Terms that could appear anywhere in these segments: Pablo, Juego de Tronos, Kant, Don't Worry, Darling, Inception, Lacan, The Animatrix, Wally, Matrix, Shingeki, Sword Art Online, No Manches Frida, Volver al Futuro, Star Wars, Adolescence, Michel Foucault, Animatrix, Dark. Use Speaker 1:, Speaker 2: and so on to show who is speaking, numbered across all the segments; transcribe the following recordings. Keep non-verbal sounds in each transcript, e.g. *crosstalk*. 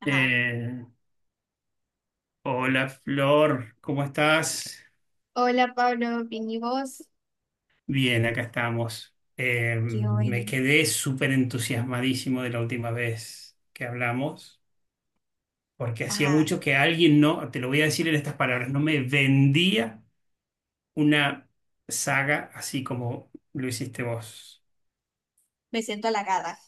Speaker 1: Ajá.
Speaker 2: Eh, Hola Flor, ¿cómo estás?
Speaker 1: Hola Pablo, bien y vos.
Speaker 2: Bien, acá estamos.
Speaker 1: Qué bueno.
Speaker 2: Me quedé súper entusiasmadísimo de la última vez que hablamos, porque hacía
Speaker 1: Ajá.
Speaker 2: mucho que alguien no, te lo voy a decir en estas palabras, no me vendía una saga así como lo hiciste vos.
Speaker 1: Me siento halagada.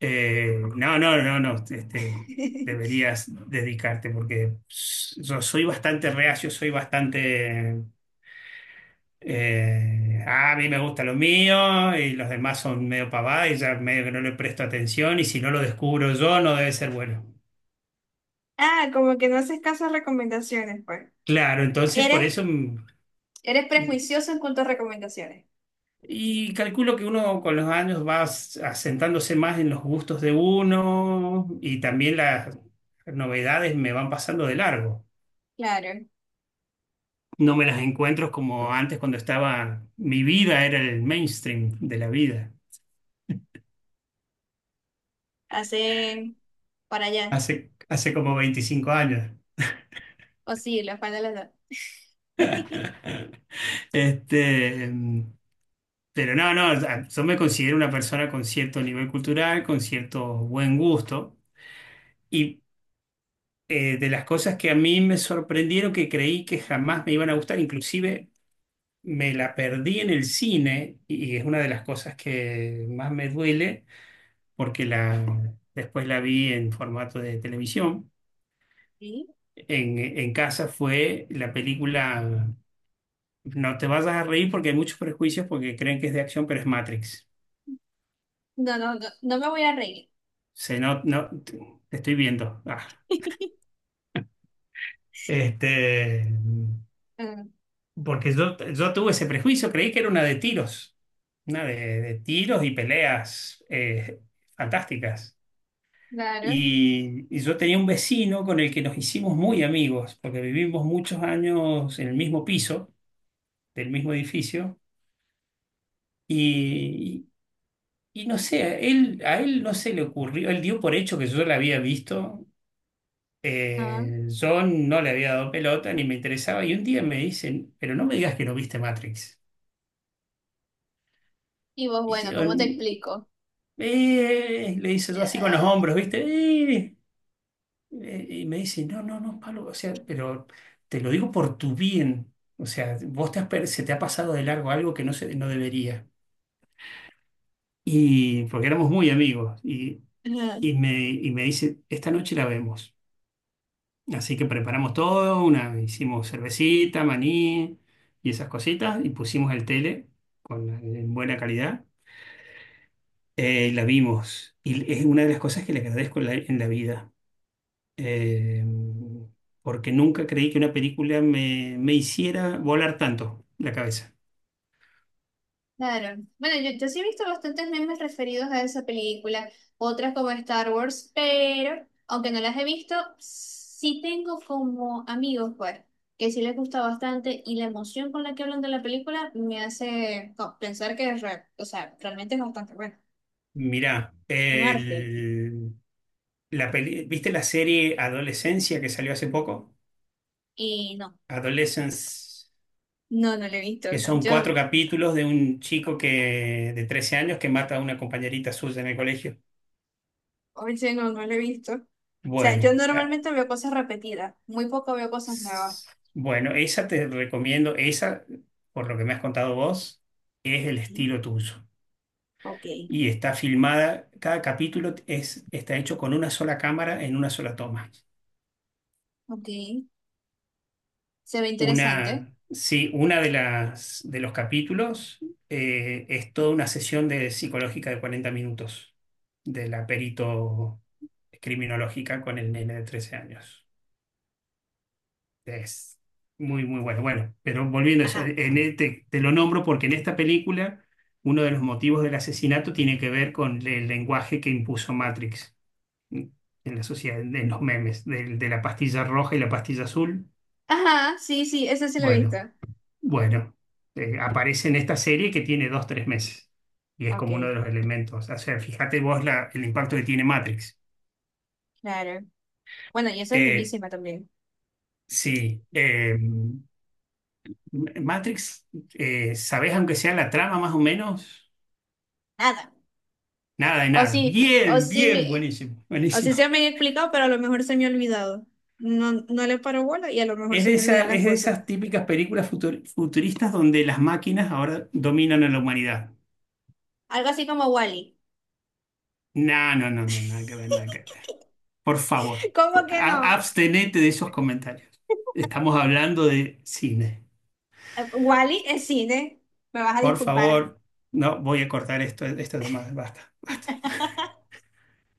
Speaker 2: No, no, no, no,
Speaker 1: *laughs*
Speaker 2: deberías dedicarte porque yo soy bastante reacio, soy bastante a mí me gustan los míos y los demás son medio pavada y ya medio que no le presto atención y si no lo descubro yo no debe ser bueno.
Speaker 1: Ah, como que no haces caso a recomendaciones, pues.
Speaker 2: Claro, entonces por
Speaker 1: Eres,
Speaker 2: eso
Speaker 1: eres
Speaker 2: mm,
Speaker 1: prejuicioso en cuanto a recomendaciones.
Speaker 2: y calculo que uno con los años va asentándose más en los gustos de uno y también las novedades me van pasando de largo.
Speaker 1: Claro,
Speaker 2: No me las encuentro como antes cuando estaba, mi vida era el mainstream de la vida,
Speaker 1: hacen para allá.
Speaker 2: hace como 25 años.
Speaker 1: O sí, los para los dos. *laughs*
Speaker 2: *laughs* Este, pero no, no, yo me considero una persona con cierto nivel cultural, con cierto buen gusto, y de las cosas que a mí me sorprendieron, que creí que jamás me iban a gustar, inclusive me la perdí en el cine, y es una de las cosas que más me duele, porque la, después la vi en formato de televisión.
Speaker 1: ¿Sí?
Speaker 2: En casa fue la película, no te vayas a reír porque hay muchos prejuicios porque creen que es de acción, pero es Matrix.
Speaker 1: No, no, no, no me voy a reír.
Speaker 2: Se No, no, te estoy viendo.
Speaker 1: *laughs*
Speaker 2: Este,
Speaker 1: Mm,
Speaker 2: porque yo tuve ese prejuicio, creí que era una de tiros, una de tiros y peleas fantásticas.
Speaker 1: claro.
Speaker 2: Y yo tenía un vecino con el que nos hicimos muy amigos, porque vivimos muchos años en el mismo piso, del mismo edificio, y, y no sé, a él no se le ocurrió, él dio por hecho que yo la había visto.
Speaker 1: Ajá.
Speaker 2: Yo no le había dado pelota ni me interesaba y un día me dicen, pero no me digas que no viste Matrix.
Speaker 1: Y vos,
Speaker 2: Y
Speaker 1: bueno,
Speaker 2: digo,
Speaker 1: ¿cómo te explico?
Speaker 2: le hice yo así con los
Speaker 1: Ah,
Speaker 2: hombros, ¿viste? Y me dice, no, no, no, Pablo, o sea, pero te lo digo por tu bien. O sea, vos te has se te ha pasado de largo algo que no, se, no debería. Y porque éramos muy amigos.
Speaker 1: ajá.
Speaker 2: Y me dice, esta noche la vemos. Así que preparamos todo, una, hicimos cervecita, maní y esas cositas, y pusimos el tele con, en buena calidad. Y la vimos. Y es una de las cosas que le agradezco en la vida. Eh, Porque nunca creí que una película me, me hiciera volar tanto la cabeza.
Speaker 1: Claro. Bueno, yo sí he visto bastantes memes referidos a esa película, otras como Star Wars, pero aunque no las he visto, sí tengo como amigos, pues, que sí les gusta bastante y la emoción con la que hablan de la película me hace no, pensar que es real, o sea, realmente es bastante bueno,
Speaker 2: Mirá,
Speaker 1: un arte.
Speaker 2: ¿viste la serie Adolescencia que salió hace poco?
Speaker 1: Y no,
Speaker 2: Adolescence.
Speaker 1: no, no lo he visto.
Speaker 2: Que son
Speaker 1: Yo,
Speaker 2: cuatro capítulos de un chico que, de 13 años que mata a una compañerita suya en el colegio.
Speaker 1: hoy sí no, no lo he visto. O sea, yo
Speaker 2: Bueno, ah,
Speaker 1: normalmente veo cosas repetidas, muy poco veo cosas nuevas.
Speaker 2: s- bueno, esa te recomiendo, esa, por lo que me has contado vos, es el
Speaker 1: Ok,
Speaker 2: estilo tuyo.
Speaker 1: ok,
Speaker 2: Y está filmada, cada capítulo es, está hecho con una sola cámara en una sola toma.
Speaker 1: ok. Se ve interesante.
Speaker 2: Una, sí, una de las de los capítulos es toda una sesión de psicológica de 40 minutos de la perito criminológica con el nene de 13 años. Es muy, muy bueno. Bueno, pero volviendo a eso,
Speaker 1: Ajá,
Speaker 2: te lo nombro porque en esta película uno de los motivos del asesinato tiene que ver con el lenguaje que impuso Matrix en la sociedad, en los memes, de la pastilla roja y la pastilla azul.
Speaker 1: ajá, sí, sí, ese sí lo he visto.
Speaker 2: Bueno. Bueno, aparece en esta serie que tiene dos, tres meses. Y es
Speaker 1: Ok,
Speaker 2: como uno de los elementos. O sea, fíjate vos el impacto que tiene Matrix.
Speaker 1: claro. Bueno, y eso es
Speaker 2: Eh,
Speaker 1: lindísima también.
Speaker 2: sí, eh, Matrix, ¿sabés aunque sea la trama más o menos?
Speaker 1: Nada.
Speaker 2: Nada de
Speaker 1: O
Speaker 2: nada.
Speaker 1: sí, o
Speaker 2: Bien,
Speaker 1: sí,
Speaker 2: bien, buenísimo,
Speaker 1: o sí
Speaker 2: buenísimo.
Speaker 1: se me ha explicado, pero a lo mejor se me ha olvidado. No, no le paro bola y a lo mejor
Speaker 2: Es
Speaker 1: se
Speaker 2: de
Speaker 1: me olvidan
Speaker 2: esa,
Speaker 1: las
Speaker 2: es de
Speaker 1: cosas.
Speaker 2: esas típicas películas futuristas donde las máquinas ahora dominan a la humanidad.
Speaker 1: Algo así como Wally.
Speaker 2: No, no, no, no, nada que ver, nada que ver.
Speaker 1: *laughs*
Speaker 2: Por favor,
Speaker 1: ¿Cómo que no?
Speaker 2: abstenete de esos comentarios. Estamos hablando de cine.
Speaker 1: Wally es cine. Me vas a
Speaker 2: Por
Speaker 1: disculpar.
Speaker 2: favor, no, voy a cortar esto, esto es más, basta, basta.
Speaker 1: *laughs*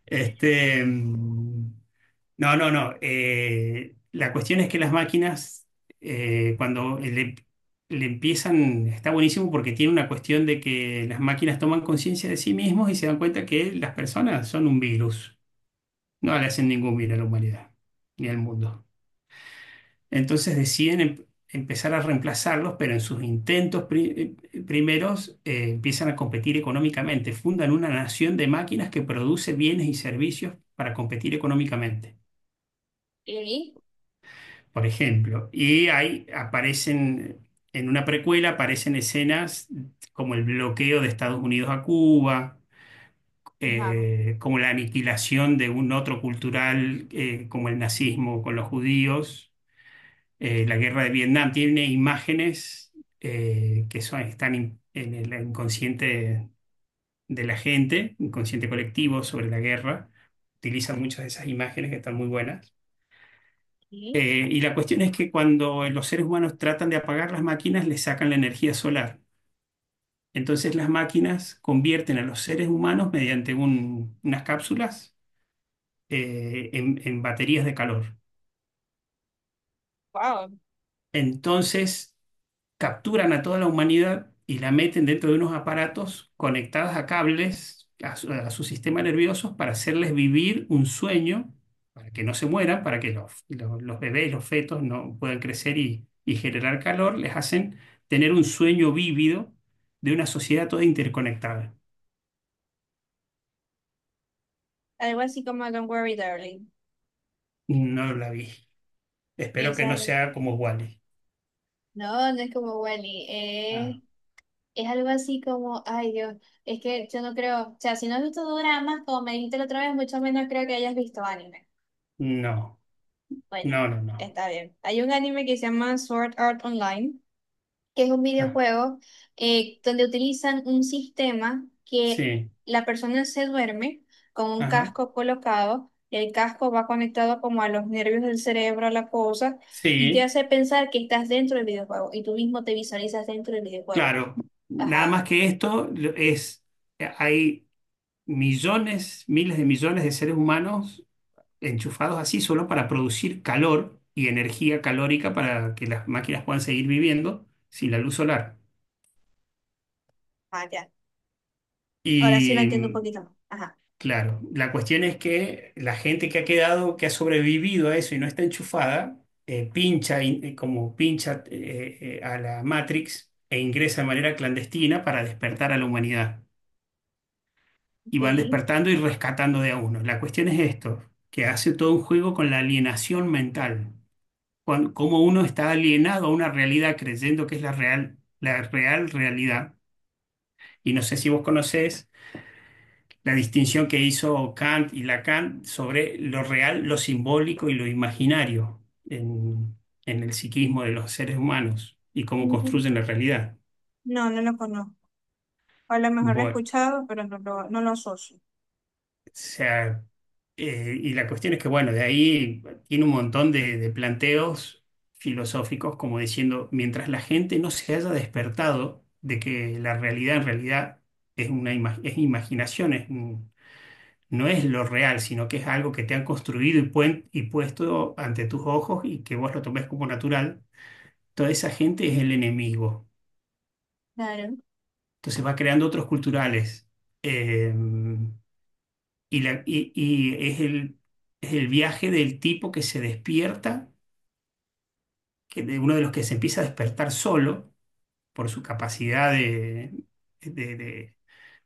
Speaker 2: Este, mm, no, no, no. La cuestión es que las máquinas, cuando le empiezan, está buenísimo porque tiene una cuestión de que las máquinas toman conciencia de sí mismos y se dan cuenta que las personas son un virus. No le hacen ningún bien a la humanidad ni al mundo. Entonces deciden empezar a reemplazarlos, pero en sus intentos primeros empiezan a competir económicamente. Fundan una nación de máquinas que produce bienes y servicios para competir económicamente,
Speaker 1: ¿Y?
Speaker 2: por ejemplo. Y ahí aparecen, en una precuela, aparecen escenas como el bloqueo de Estados Unidos a Cuba.
Speaker 1: Ajá.
Speaker 2: Como la aniquilación de un otro cultural, como el nazismo con los judíos, la guerra de Vietnam, tiene imágenes que son, están en el inconsciente de la gente, inconsciente colectivo sobre la guerra. Utilizan muchas de esas imágenes que están muy buenas.
Speaker 1: ¿Y?
Speaker 2: Y la cuestión es que cuando los seres humanos tratan de apagar las máquinas, les sacan la energía solar. Entonces las máquinas convierten a los seres humanos mediante unas cápsulas en baterías de calor.
Speaker 1: Wow.
Speaker 2: Entonces capturan a toda la humanidad y la meten dentro de unos aparatos conectados a cables, a su sistema nervioso, para hacerles vivir un sueño, para que no se mueran, para que los bebés, los fetos no puedan crecer y generar calor, les hacen tener un sueño vívido de una sociedad toda interconectada.
Speaker 1: Algo así como Don't Worry, Darling.
Speaker 2: No la vi. Espero que
Speaker 1: Esa
Speaker 2: no
Speaker 1: es-
Speaker 2: sea como Wally.
Speaker 1: No, no es como Wally. Es algo así como, ay Dios, es que yo no creo, o sea, si no has visto doramas, como me dijiste la otra vez, mucho menos creo que hayas visto anime.
Speaker 2: No,
Speaker 1: Bueno,
Speaker 2: no, no, no.
Speaker 1: está bien. Hay un anime que se llama Sword Art Online, que es un
Speaker 2: Ah,
Speaker 1: videojuego donde utilizan un sistema que
Speaker 2: sí,
Speaker 1: la persona se duerme con un
Speaker 2: ajá,
Speaker 1: casco colocado, el casco va conectado como a los nervios del cerebro, a la cosa, y te
Speaker 2: sí.
Speaker 1: hace pensar que estás dentro del videojuego y tú mismo te visualizas dentro del videojuego.
Speaker 2: Claro, nada más
Speaker 1: Ajá,
Speaker 2: que esto es, hay millones, miles de millones de seres humanos enchufados así solo para producir calor y energía calórica para que las máquinas puedan seguir viviendo sin la luz solar.
Speaker 1: ajá, ya. Ahora sí lo
Speaker 2: Y
Speaker 1: entiendo un
Speaker 2: mm,
Speaker 1: poquito más. Ajá,
Speaker 2: claro, la cuestión es que la gente que ha quedado, que ha sobrevivido a eso y no está enchufada, pincha como pincha a la Matrix e ingresa de manera clandestina para despertar a la humanidad. Y
Speaker 1: ok.
Speaker 2: van despertando y rescatando de a uno. La cuestión es esto, que hace todo un juego con la alienación mental, cuando, cómo uno está alienado a una realidad creyendo que es la real, la real realidad. Y no sé si vos conocés la distinción que hizo Kant y Lacan sobre lo real, lo simbólico y lo imaginario en, en el psiquismo de los seres humanos y cómo
Speaker 1: Mm,
Speaker 2: construyen la realidad.
Speaker 1: no, no lo conozco. A lo mejor lo he
Speaker 2: Bueno,
Speaker 1: escuchado, pero no lo, no lo asocio.
Speaker 2: sea, y la cuestión es que, bueno, de ahí tiene un montón de planteos filosóficos, como diciendo, mientras la gente no se haya despertado de que la realidad en realidad es una es imaginación, es no es lo real, sino que es algo que te han construido y, y puesto ante tus ojos y que vos lo tomes como natural, toda esa gente es el enemigo.
Speaker 1: Claro.
Speaker 2: Entonces va creando otros culturales. eh, y es el viaje del tipo que se despierta, que de uno de los que se empieza a despertar solo por su capacidad de, de- de-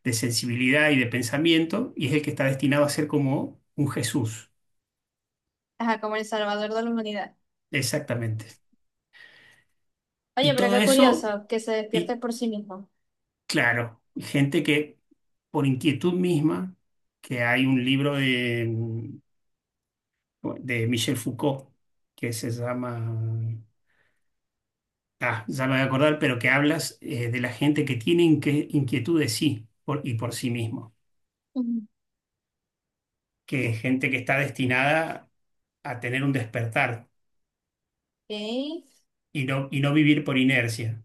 Speaker 2: de sensibilidad y de pensamiento, y es el que está destinado a ser como un Jesús,
Speaker 1: Ajá, como el salvador de la humanidad.
Speaker 2: exactamente.
Speaker 1: Oye,
Speaker 2: Y
Speaker 1: pero
Speaker 2: todo
Speaker 1: qué
Speaker 2: eso,
Speaker 1: curioso que se despierte
Speaker 2: y
Speaker 1: por sí mismo.
Speaker 2: claro, gente que por inquietud misma, que hay un libro de Michel Foucault que se llama ya me voy a acordar, pero que hablas de la gente que tiene inquietud de sí y por sí mismo,
Speaker 1: Ujú.
Speaker 2: que es gente que está destinada a tener un despertar
Speaker 1: ¿Ok?
Speaker 2: y no vivir por inercia,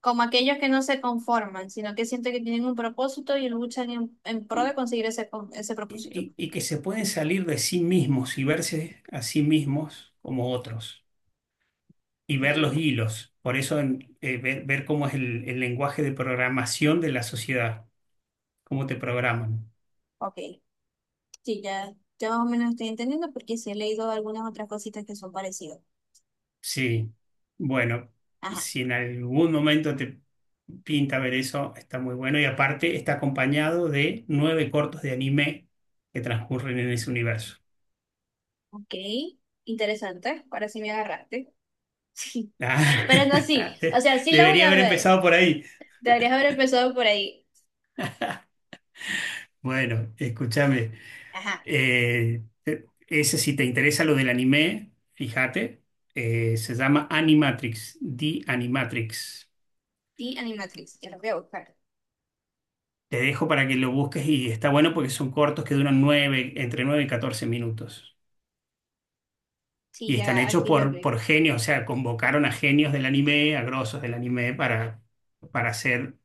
Speaker 1: Como aquellos que no se conforman, sino que sienten que tienen un propósito y luchan en pro
Speaker 2: y,
Speaker 1: de conseguir ese, ese propósito.
Speaker 2: que se pueden salir de sí mismos y verse a sí mismos como otros y ver
Speaker 1: Sí.
Speaker 2: los hilos. Por eso ver, cómo es el lenguaje de programación de la sociedad, cómo te programan.
Speaker 1: Ok, sí, ya, ya más o menos estoy entendiendo porque sí he leído algunas otras cositas que son parecidas.
Speaker 2: Sí, bueno,
Speaker 1: Ajá,
Speaker 2: si en algún momento te pinta ver eso, está muy bueno. Y aparte está acompañado de nueve cortos de anime que transcurren en ese universo.
Speaker 1: ok. Interesante. Ahora sí me agarraste. *laughs*
Speaker 2: Ah,
Speaker 1: Pero no, sí,
Speaker 2: *laughs*
Speaker 1: o
Speaker 2: de-
Speaker 1: sea, sí la voy
Speaker 2: debería
Speaker 1: a
Speaker 2: haber
Speaker 1: ver.
Speaker 2: empezado por ahí.
Speaker 1: Deberías haber empezado por ahí.
Speaker 2: Bueno, escúchame.
Speaker 1: Ajá,
Speaker 2: Si te interesa lo del anime, fíjate, se llama Animatrix, The Animatrix.
Speaker 1: sí, Animatrix, ya lo voy a buscar.
Speaker 2: Te dejo para que lo busques y está bueno porque son cortos que duran nueve, entre 9 y 14 minutos.
Speaker 1: Sí,
Speaker 2: Y están
Speaker 1: ya
Speaker 2: hechos
Speaker 1: aquí lo
Speaker 2: por,
Speaker 1: vi.
Speaker 2: por genios, o sea, convocaron a genios del anime, a grosos del anime para hacer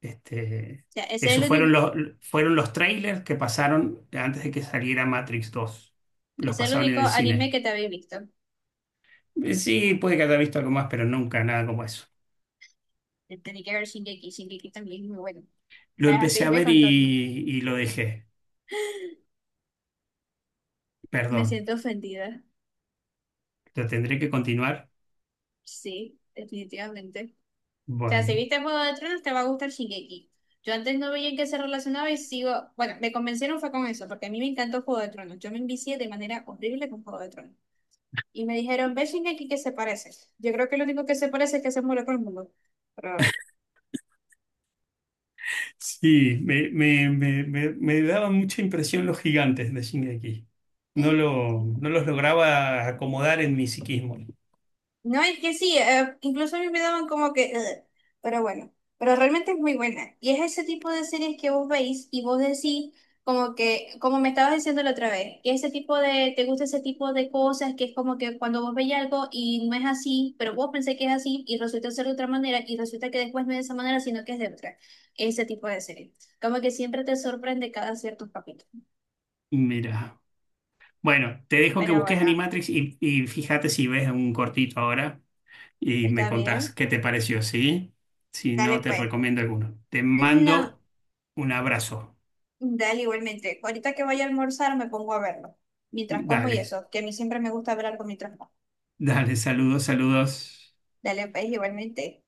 Speaker 2: este.
Speaker 1: O sea, ese
Speaker 2: Esos fueron los trailers que pasaron antes de que saliera Matrix 2. Los
Speaker 1: es el
Speaker 2: pasaban en
Speaker 1: único
Speaker 2: el
Speaker 1: anime
Speaker 2: cine.
Speaker 1: que te había visto.
Speaker 2: Sí, puede que haya visto algo más, pero nunca nada como eso.
Speaker 1: Tenía que ver Shingeki, Shingeki también es muy bueno.
Speaker 2: Lo
Speaker 1: Para
Speaker 2: empecé a
Speaker 1: seguirme
Speaker 2: ver y,
Speaker 1: con todo, ¿no?
Speaker 2: y lo dejé.
Speaker 1: *laughs* Me
Speaker 2: Perdón.
Speaker 1: siento ofendida.
Speaker 2: ¿Lo tendré que continuar?
Speaker 1: Sí, definitivamente. O sea, si
Speaker 2: Bueno.
Speaker 1: viste Juego de Tronos, te va a gustar Shingeki. Yo antes no veía en qué se relacionaba y sigo. Bueno, me convencieron fue con eso, porque a mí me encantó Juego de Tronos. Yo me envicié de manera horrible con Juego de Tronos. Y me dijeron, ve sin X que se parece. Yo creo que lo único que se parece es que se muere todo el mundo. Pero,
Speaker 2: Sí, me daban mucha impresión los gigantes de Shingeki. No,
Speaker 1: *laughs*
Speaker 2: no los lograba acomodar en mi psiquismo.
Speaker 1: no, es que sí, incluso a mí me daban como que, "Ugh", pero bueno, pero realmente es muy buena. Y es ese tipo de series que vos veis y vos decís, como que, como me estabas diciendo la otra vez, que ese tipo de, te gusta ese tipo de cosas, que es como que cuando vos veis algo y no es así, pero vos pensé que es así y resulta ser de otra manera y resulta que después no es de esa manera, sino que es de otra. Ese tipo de serie. Como que siempre te sorprende cada cierto capítulo.
Speaker 2: Mira. Bueno, te dejo que
Speaker 1: Pero
Speaker 2: busques
Speaker 1: bueno,
Speaker 2: Animatrix y fíjate si ves un cortito ahora y me
Speaker 1: está
Speaker 2: contás
Speaker 1: bien.
Speaker 2: qué te pareció, ¿sí? Si no,
Speaker 1: Dale
Speaker 2: te
Speaker 1: pues.
Speaker 2: recomiendo alguno. Te
Speaker 1: No.
Speaker 2: mando un abrazo.
Speaker 1: Dale, igualmente. Ahorita que vaya a almorzar me pongo a verlo. Mientras como y
Speaker 2: Dale,
Speaker 1: eso, que a mí siempre me gusta ver algo mientras como.
Speaker 2: dale, saludos, saludos.
Speaker 1: Dale, pues, igualmente.